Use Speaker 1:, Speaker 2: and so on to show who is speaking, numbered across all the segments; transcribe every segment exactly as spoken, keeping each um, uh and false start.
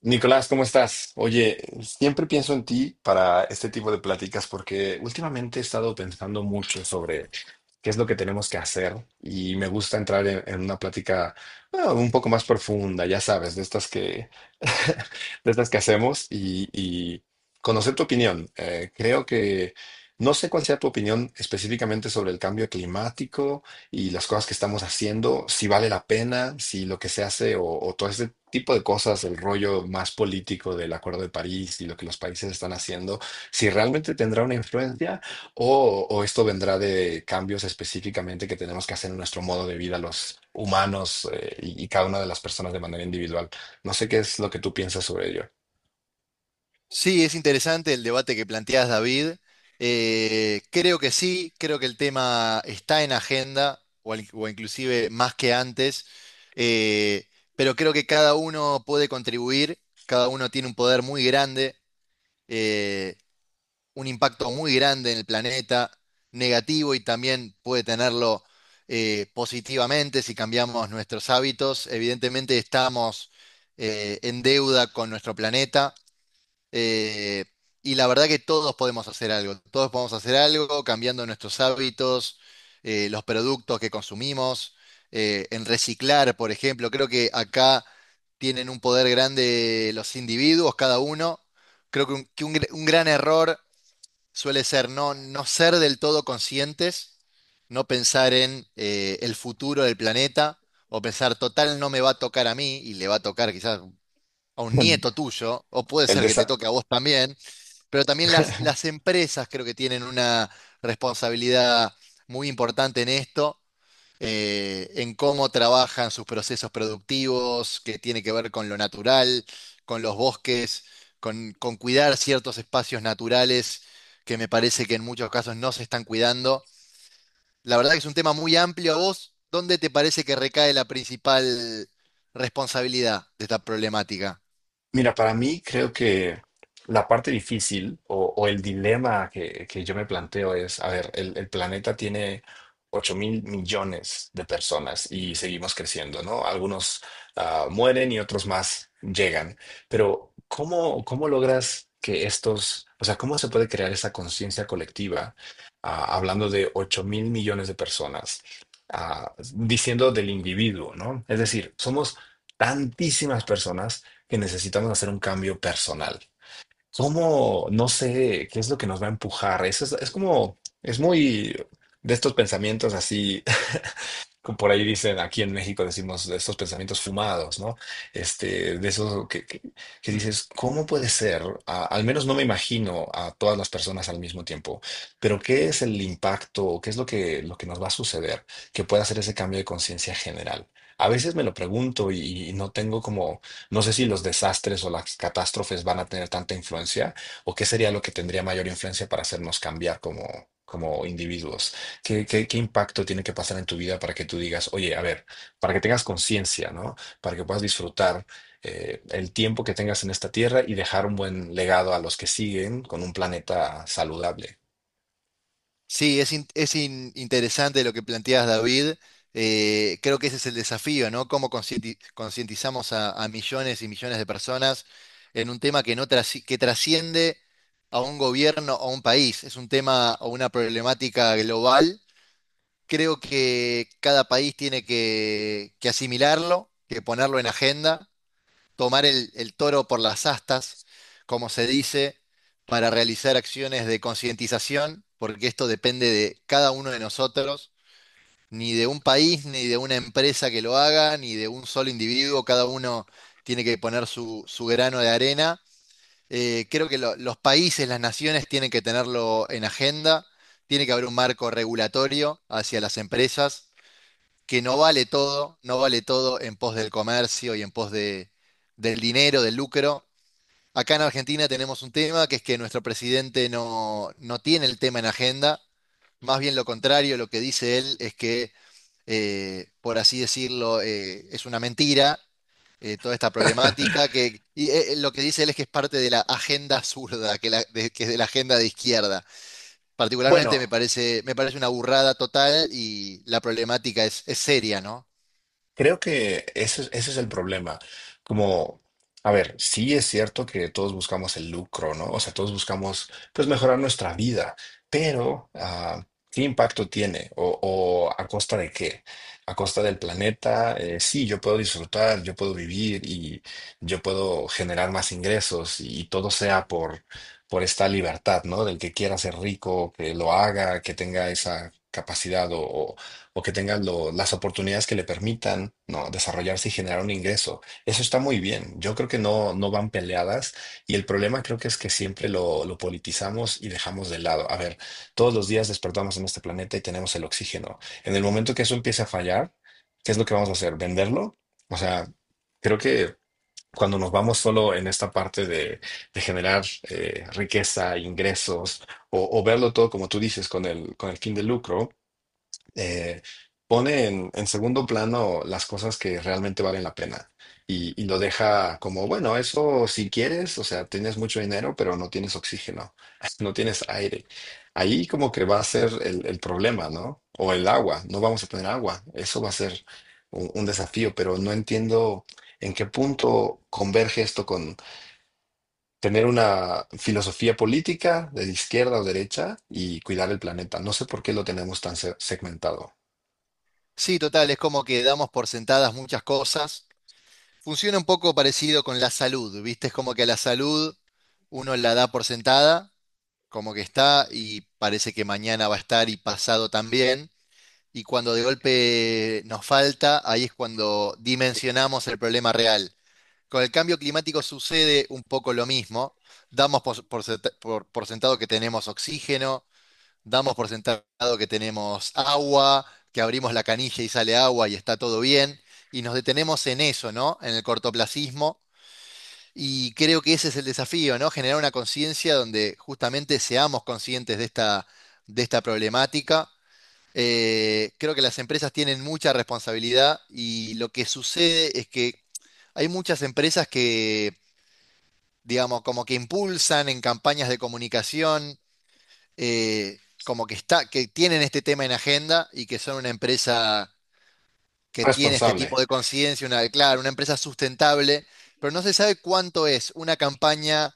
Speaker 1: Nicolás, ¿cómo estás? Oye, siempre pienso en ti para este tipo de pláticas porque últimamente he estado pensando mucho sobre qué es lo que tenemos que hacer. Y me gusta entrar en, en una plática, bueno, un poco más profunda, ya sabes, de estas que, de estas que hacemos y, y conocer tu opinión. Eh, creo que no sé cuál sea tu opinión específicamente sobre el cambio climático y las cosas que estamos haciendo, si vale la pena, si lo que se hace o, o todo ese tipo de cosas, el rollo más político del Acuerdo de París y lo que los países están haciendo, si realmente tendrá una influencia o, o esto vendrá de cambios específicamente que tenemos que hacer en nuestro modo de vida los humanos, eh, y, y cada una de las personas de manera individual. No sé qué es lo que tú piensas sobre ello.
Speaker 2: Sí, es interesante el debate que planteas, David. Eh, creo que sí, creo que el tema está en agenda, o, al- o inclusive más que antes, eh, pero creo que cada uno puede contribuir, cada uno tiene un poder muy grande, eh, un impacto muy grande en el planeta, negativo y también puede tenerlo eh, positivamente si cambiamos nuestros hábitos. Evidentemente estamos eh, en deuda con nuestro planeta eh, y la verdad que todos podemos hacer algo, todos podemos hacer algo cambiando nuestros hábitos, eh, los productos que consumimos, eh, en reciclar, por ejemplo. Creo que acá tienen un poder grande los individuos, cada uno. Creo que un, que un gr- un gran error suele ser no, no ser del todo conscientes, no pensar en eh, el futuro del planeta o pensar, total, no me va a tocar a mí y le va a tocar quizás a un nieto tuyo, o puede
Speaker 1: El,
Speaker 2: ser que te
Speaker 1: desa-
Speaker 2: toque a vos también, pero también las, las empresas creo que tienen una responsabilidad muy importante en esto, eh, en cómo trabajan sus procesos productivos, que tiene que ver con lo natural, con los bosques, con, con cuidar ciertos espacios naturales que me parece que en muchos casos no se están cuidando. La verdad que es un tema muy amplio. ¿A vos dónde te parece que recae la principal responsabilidad de esta problemática?
Speaker 1: Mira, para mí creo que la parte difícil o, o el dilema que, que yo me planteo es, a ver, el, el planeta tiene ocho mil millones de personas y seguimos creciendo, ¿no? Algunos, ah, mueren y otros más llegan, pero ¿cómo, cómo, logras que estos, o sea, cómo se puede crear esa conciencia colectiva, ah, hablando de ocho mil millones de personas, ah, diciendo del individuo, ¿no? Es decir, somos tantísimas personas que necesitamos hacer un cambio personal. ¿Cómo? No sé qué es lo que nos va a empujar. Eso es, es como, es muy de estos pensamientos así, por ahí dicen, aquí en México decimos, de estos pensamientos fumados, ¿no? Este, de esos que, que- que dices, ¿cómo puede ser? A- al menos no me imagino a todas las personas al mismo tiempo, pero ¿qué es el impacto? O ¿qué es lo que, lo que, nos va a suceder que pueda hacer ese cambio de conciencia general? A veces me lo pregunto y, y no tengo como, no sé si los desastres o las catástrofes van a tener tanta influencia o qué sería lo que tendría mayor influencia para hacernos cambiar como, como individuos. ¿Qué, qué, qué impacto tiene que pasar en tu vida para que tú digas, oye, a ver, para que tengas conciencia, ¿no? Para que puedas disfrutar, eh, el tiempo que tengas en esta tierra y dejar un buen legado a los que siguen con un planeta saludable.
Speaker 2: Sí, es, in- es in- interesante lo que planteas, David. Eh, creo que ese es el desafío, ¿no? ¿Cómo concienti- concientizamos a, a millones y millones de personas en un tema que, no trasci- que trasciende a un gobierno o a un país? Es un tema o una problemática global. Creo que cada país tiene que, que asimilarlo, que ponerlo en agenda, tomar el, el toro por las astas, como se dice, para realizar acciones de concientización, porque esto depende de cada uno de nosotros, ni de un país, ni de una empresa que lo haga, ni de un solo individuo; cada uno tiene que poner su, su grano de arena. Eh, creo que lo- los países, las naciones tienen que tenerlo en agenda, tiene que haber un marco regulatorio hacia las empresas, que no vale todo, no vale todo en pos del comercio y en pos de, del dinero, del lucro. Acá en Argentina tenemos un tema que es que nuestro presidente no, no tiene el tema en agenda, más bien lo contrario, lo que dice él es que, eh, por así decirlo, eh, es una mentira eh, toda esta problemática, que y, eh, eh, lo que dice él es que es parte de la agenda zurda, que, la- de- que es de la agenda de izquierda. Particularmente me
Speaker 1: Bueno,
Speaker 2: parece, me parece una burrada total y la problemática es, es seria, ¿no?
Speaker 1: creo que ese, es- ese es el problema. Como, a ver, sí es cierto que todos buscamos el lucro, ¿no? O sea, todos buscamos, pues, mejorar nuestra vida, pero, ah, ¿qué impacto tiene? ¿O o a costa de qué? A costa del planeta. Eh, sí, yo puedo disfrutar, yo puedo vivir y yo puedo generar más ingresos, y todo sea por, por esta libertad, ¿no? Del que quiera ser rico, que lo haga, que tenga esa capacidad o o que tenga lo- las oportunidades que le permitan, ¿no?, desarrollarse y generar un ingreso. Eso está muy bien. Yo creo que no, no van peleadas, y el problema creo que es que siempre lo, lo politizamos y dejamos de lado. A ver, todos los días despertamos en este planeta y tenemos el oxígeno. En el momento que eso empiece a fallar, ¿qué es lo que vamos a hacer? ¿Venderlo? O sea, creo que cuando nos vamos solo en esta parte de, de generar, eh, riqueza, ingresos, o, o verlo todo como tú dices, con el, con el fin de lucro, eh, pone en, en segundo plano las cosas que realmente valen la pena, y, y lo deja como, bueno, eso si quieres, o sea, tienes mucho dinero, pero no tienes oxígeno, no tienes aire. Ahí como que va a ser el, el problema, ¿no? O el agua, no vamos a tener agua, eso va a ser un, un desafío, pero no entiendo en qué punto converge esto con tener una filosofía política de izquierda o derecha y cuidar el planeta. No sé por qué lo tenemos tan se- segmentado.
Speaker 2: Sí, total, es como que damos por sentadas muchas cosas. Funciona un poco parecido con la salud, ¿viste? Es como que a la salud uno la da por sentada, como que está y parece que mañana va a estar y pasado también. Y cuando de golpe nos falta, ahí es cuando dimensionamos el problema real. Con el cambio climático sucede un poco lo mismo. Damos por, por senta- por- por sentado que tenemos oxígeno, damos por sentado que tenemos agua, que abrimos la canilla y sale agua y está todo bien y nos detenemos en eso, ¿no? En el cortoplacismo. Y creo que ese es el desafío, ¿no? Generar una conciencia donde justamente seamos conscientes de esta, de esta problemática. Eh, creo que las empresas tienen mucha responsabilidad y lo que sucede es que hay muchas empresas que, digamos, como que impulsan en campañas de comunicación, eh, como que está, que tienen este tema en agenda y que son una empresa que tiene este
Speaker 1: Responsable.
Speaker 2: tipo de conciencia, una, claro, una empresa sustentable, pero no se sabe cuánto es una campaña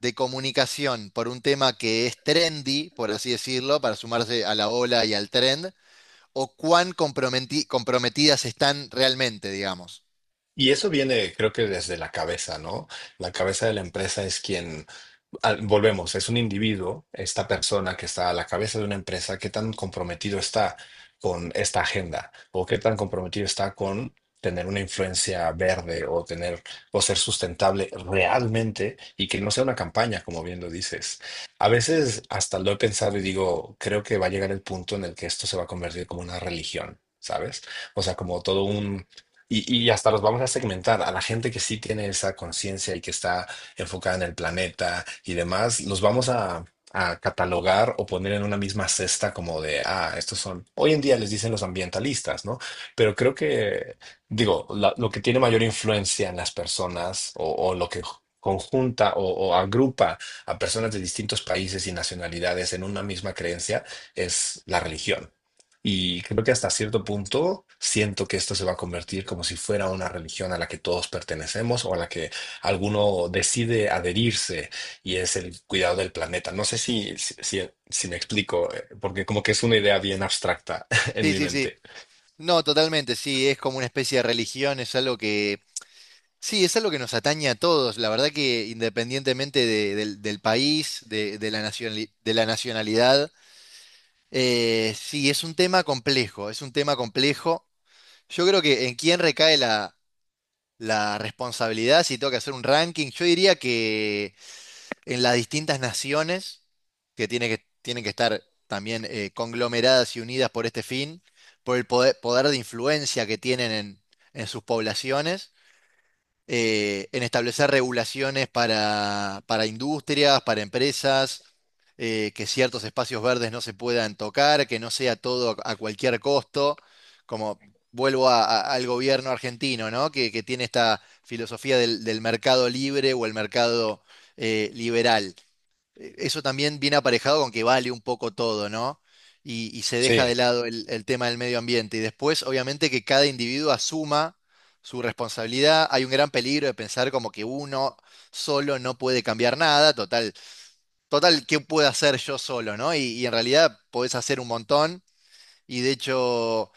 Speaker 2: de comunicación por un tema que es trendy, por así decirlo, para sumarse a la ola y al trend, o cuán comprometi- comprometidas están realmente, digamos.
Speaker 1: Y eso viene, creo que desde la cabeza, ¿no? La cabeza de la empresa es quien, al- volvemos, es un individuo, esta persona que está a la cabeza de una empresa, qué tan comprometido está con esta agenda, o qué tan comprometido está con tener una influencia verde, o tener o ser sustentable realmente, y que no sea una campaña, como bien lo dices. A veces hasta lo he pensado y digo, creo que va a llegar el punto en el que esto se va a convertir como una religión, ¿sabes? O sea, como todo un... Y, y, hasta los vamos a segmentar, a la gente que sí tiene esa conciencia y que está enfocada en el planeta y demás, los vamos a, a catalogar o poner en una misma cesta como de, ah, estos son, hoy en día les dicen los ambientalistas, ¿no? Pero creo que, digo, la- lo que tiene mayor influencia en las personas, o, o lo que conjunta, o, o agrupa a personas de distintos países y nacionalidades en una misma creencia, es la religión. Y creo que hasta cierto punto siento que esto se va a convertir como si fuera una religión a la que todos pertenecemos, o a la que alguno decide adherirse, y es el cuidado del planeta. No sé si, si, si- si me explico, eh, porque como que es una idea bien abstracta en
Speaker 2: Sí,
Speaker 1: mi
Speaker 2: sí, sí.
Speaker 1: mente.
Speaker 2: No, totalmente, sí, es como una especie de religión, es algo que, sí, es algo que nos atañe a todos, la verdad que independientemente de- del, del país, de, de la nacionali- de la nacionalidad, eh, sí, es un tema complejo, es un tema complejo. Yo creo que en quién recae la la responsabilidad, si tengo que hacer un ranking, yo diría que en las distintas naciones que, tiene que tienen que estar también eh, conglomeradas y unidas por este fin, por el poder, poder de influencia que tienen en, en sus poblaciones, eh, en establecer regulaciones para, para industrias, para empresas, eh, que ciertos espacios verdes no se puedan tocar, que no sea todo a, a cualquier costo, como vuelvo a- a- al gobierno argentino, ¿no? Que, que tiene esta filosofía del, del mercado libre o el mercado eh, liberal. Eh, eso también viene aparejado con que vale un poco todo, ¿no? Y, y se
Speaker 1: Sí,
Speaker 2: deja de lado el, el tema del medio ambiente. Y después, obviamente, que cada individuo asuma su responsabilidad. Hay un gran peligro de pensar como que uno solo no puede cambiar nada. Total, total, ¿qué puedo hacer yo solo, ¿no? Y, y en realidad podés hacer un montón. Y de hecho,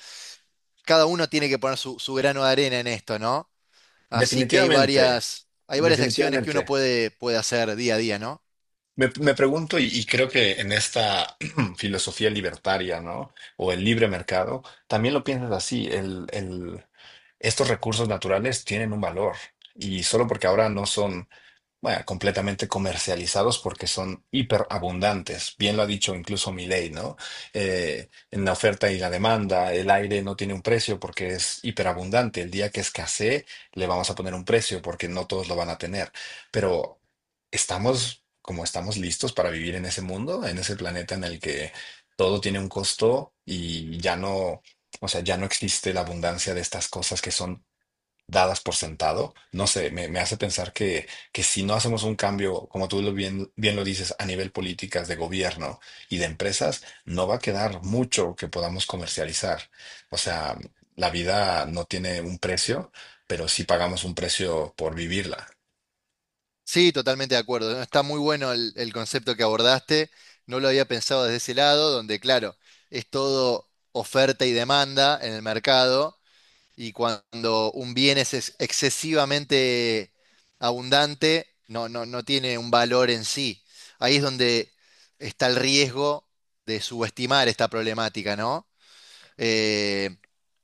Speaker 2: cada uno tiene que poner su, su grano de arena en esto, ¿no? Así que hay
Speaker 1: definitivamente,
Speaker 2: varias, hay varias acciones que uno
Speaker 1: definitivamente.
Speaker 2: puede, puede hacer día a día, ¿no?
Speaker 1: Me, me pregunto, y, y creo que en esta filosofía libertaria, ¿no? O el libre mercado, también lo piensas así, el, el- estos recursos naturales tienen un valor, y solo porque ahora no son, bueno, completamente comercializados, porque son hiperabundantes. Bien lo ha dicho incluso Milei, ¿no? Eh, en la oferta y la demanda, el aire no tiene un precio porque es hiperabundante. El día que escasee, le vamos a poner un precio porque no todos lo van a tener. Pero estamos, como, estamos listos para vivir en ese mundo, en ese planeta en el que todo tiene un costo, y ya no, o sea, ya no existe la abundancia de estas cosas que son dadas por sentado. No sé, me, me hace pensar que, que si no hacemos un cambio, como tú lo bien, bien lo dices, a nivel políticas de gobierno y de empresas, no va a quedar mucho que podamos comercializar. O sea, la vida no tiene un precio, pero sí pagamos un precio por vivirla.
Speaker 2: Sí, totalmente de acuerdo. ¿No? Está muy bueno el, el concepto que abordaste. No lo había pensado desde ese lado, donde, claro, es todo oferta y demanda en el mercado, y cuando un bien es ex- excesivamente abundante, no, no, no tiene un valor en sí. Ahí es donde está el riesgo de subestimar esta problemática, ¿no? eh,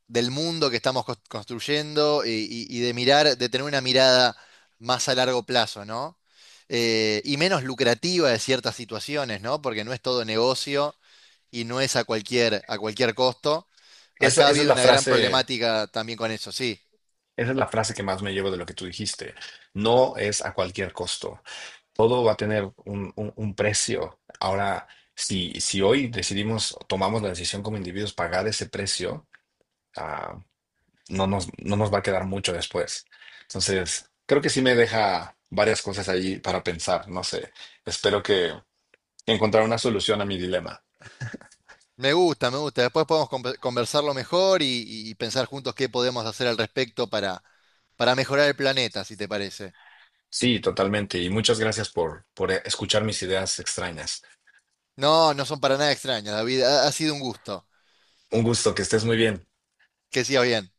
Speaker 2: del mundo que estamos cos- construyendo y, y- y de mirar, de tener una mirada más a largo plazo, ¿no? Eh, y menos lucrativa de ciertas situaciones, ¿no? Porque no es todo negocio y no es a cualquier, a cualquier costo.
Speaker 1: Esa,
Speaker 2: Acá ha
Speaker 1: esa es
Speaker 2: habido
Speaker 1: la
Speaker 2: una gran
Speaker 1: frase,
Speaker 2: problemática también con eso, sí.
Speaker 1: esa es la frase que más me llevo de lo que tú dijiste. No es a cualquier costo. Todo va a tener un, un- un precio. Ahora, si, si hoy decidimos, tomamos la decisión como individuos pagar ese precio, ah, no nos, no nos va a quedar mucho después. Entonces, creo que sí me deja varias cosas ahí para pensar. No sé, espero que encontrar una solución a mi dilema.
Speaker 2: Me gusta, me gusta. Después podemos con- conversarlo mejor y, y- y pensar juntos qué podemos hacer al respecto para, para mejorar el planeta, si te parece.
Speaker 1: Sí, totalmente. Y muchas gracias por, por escuchar mis ideas extrañas.
Speaker 2: No, no son para nada extrañas, David. Ha, ha sido un gusto.
Speaker 1: Un gusto, que estés muy bien.
Speaker 2: Que sigas bien.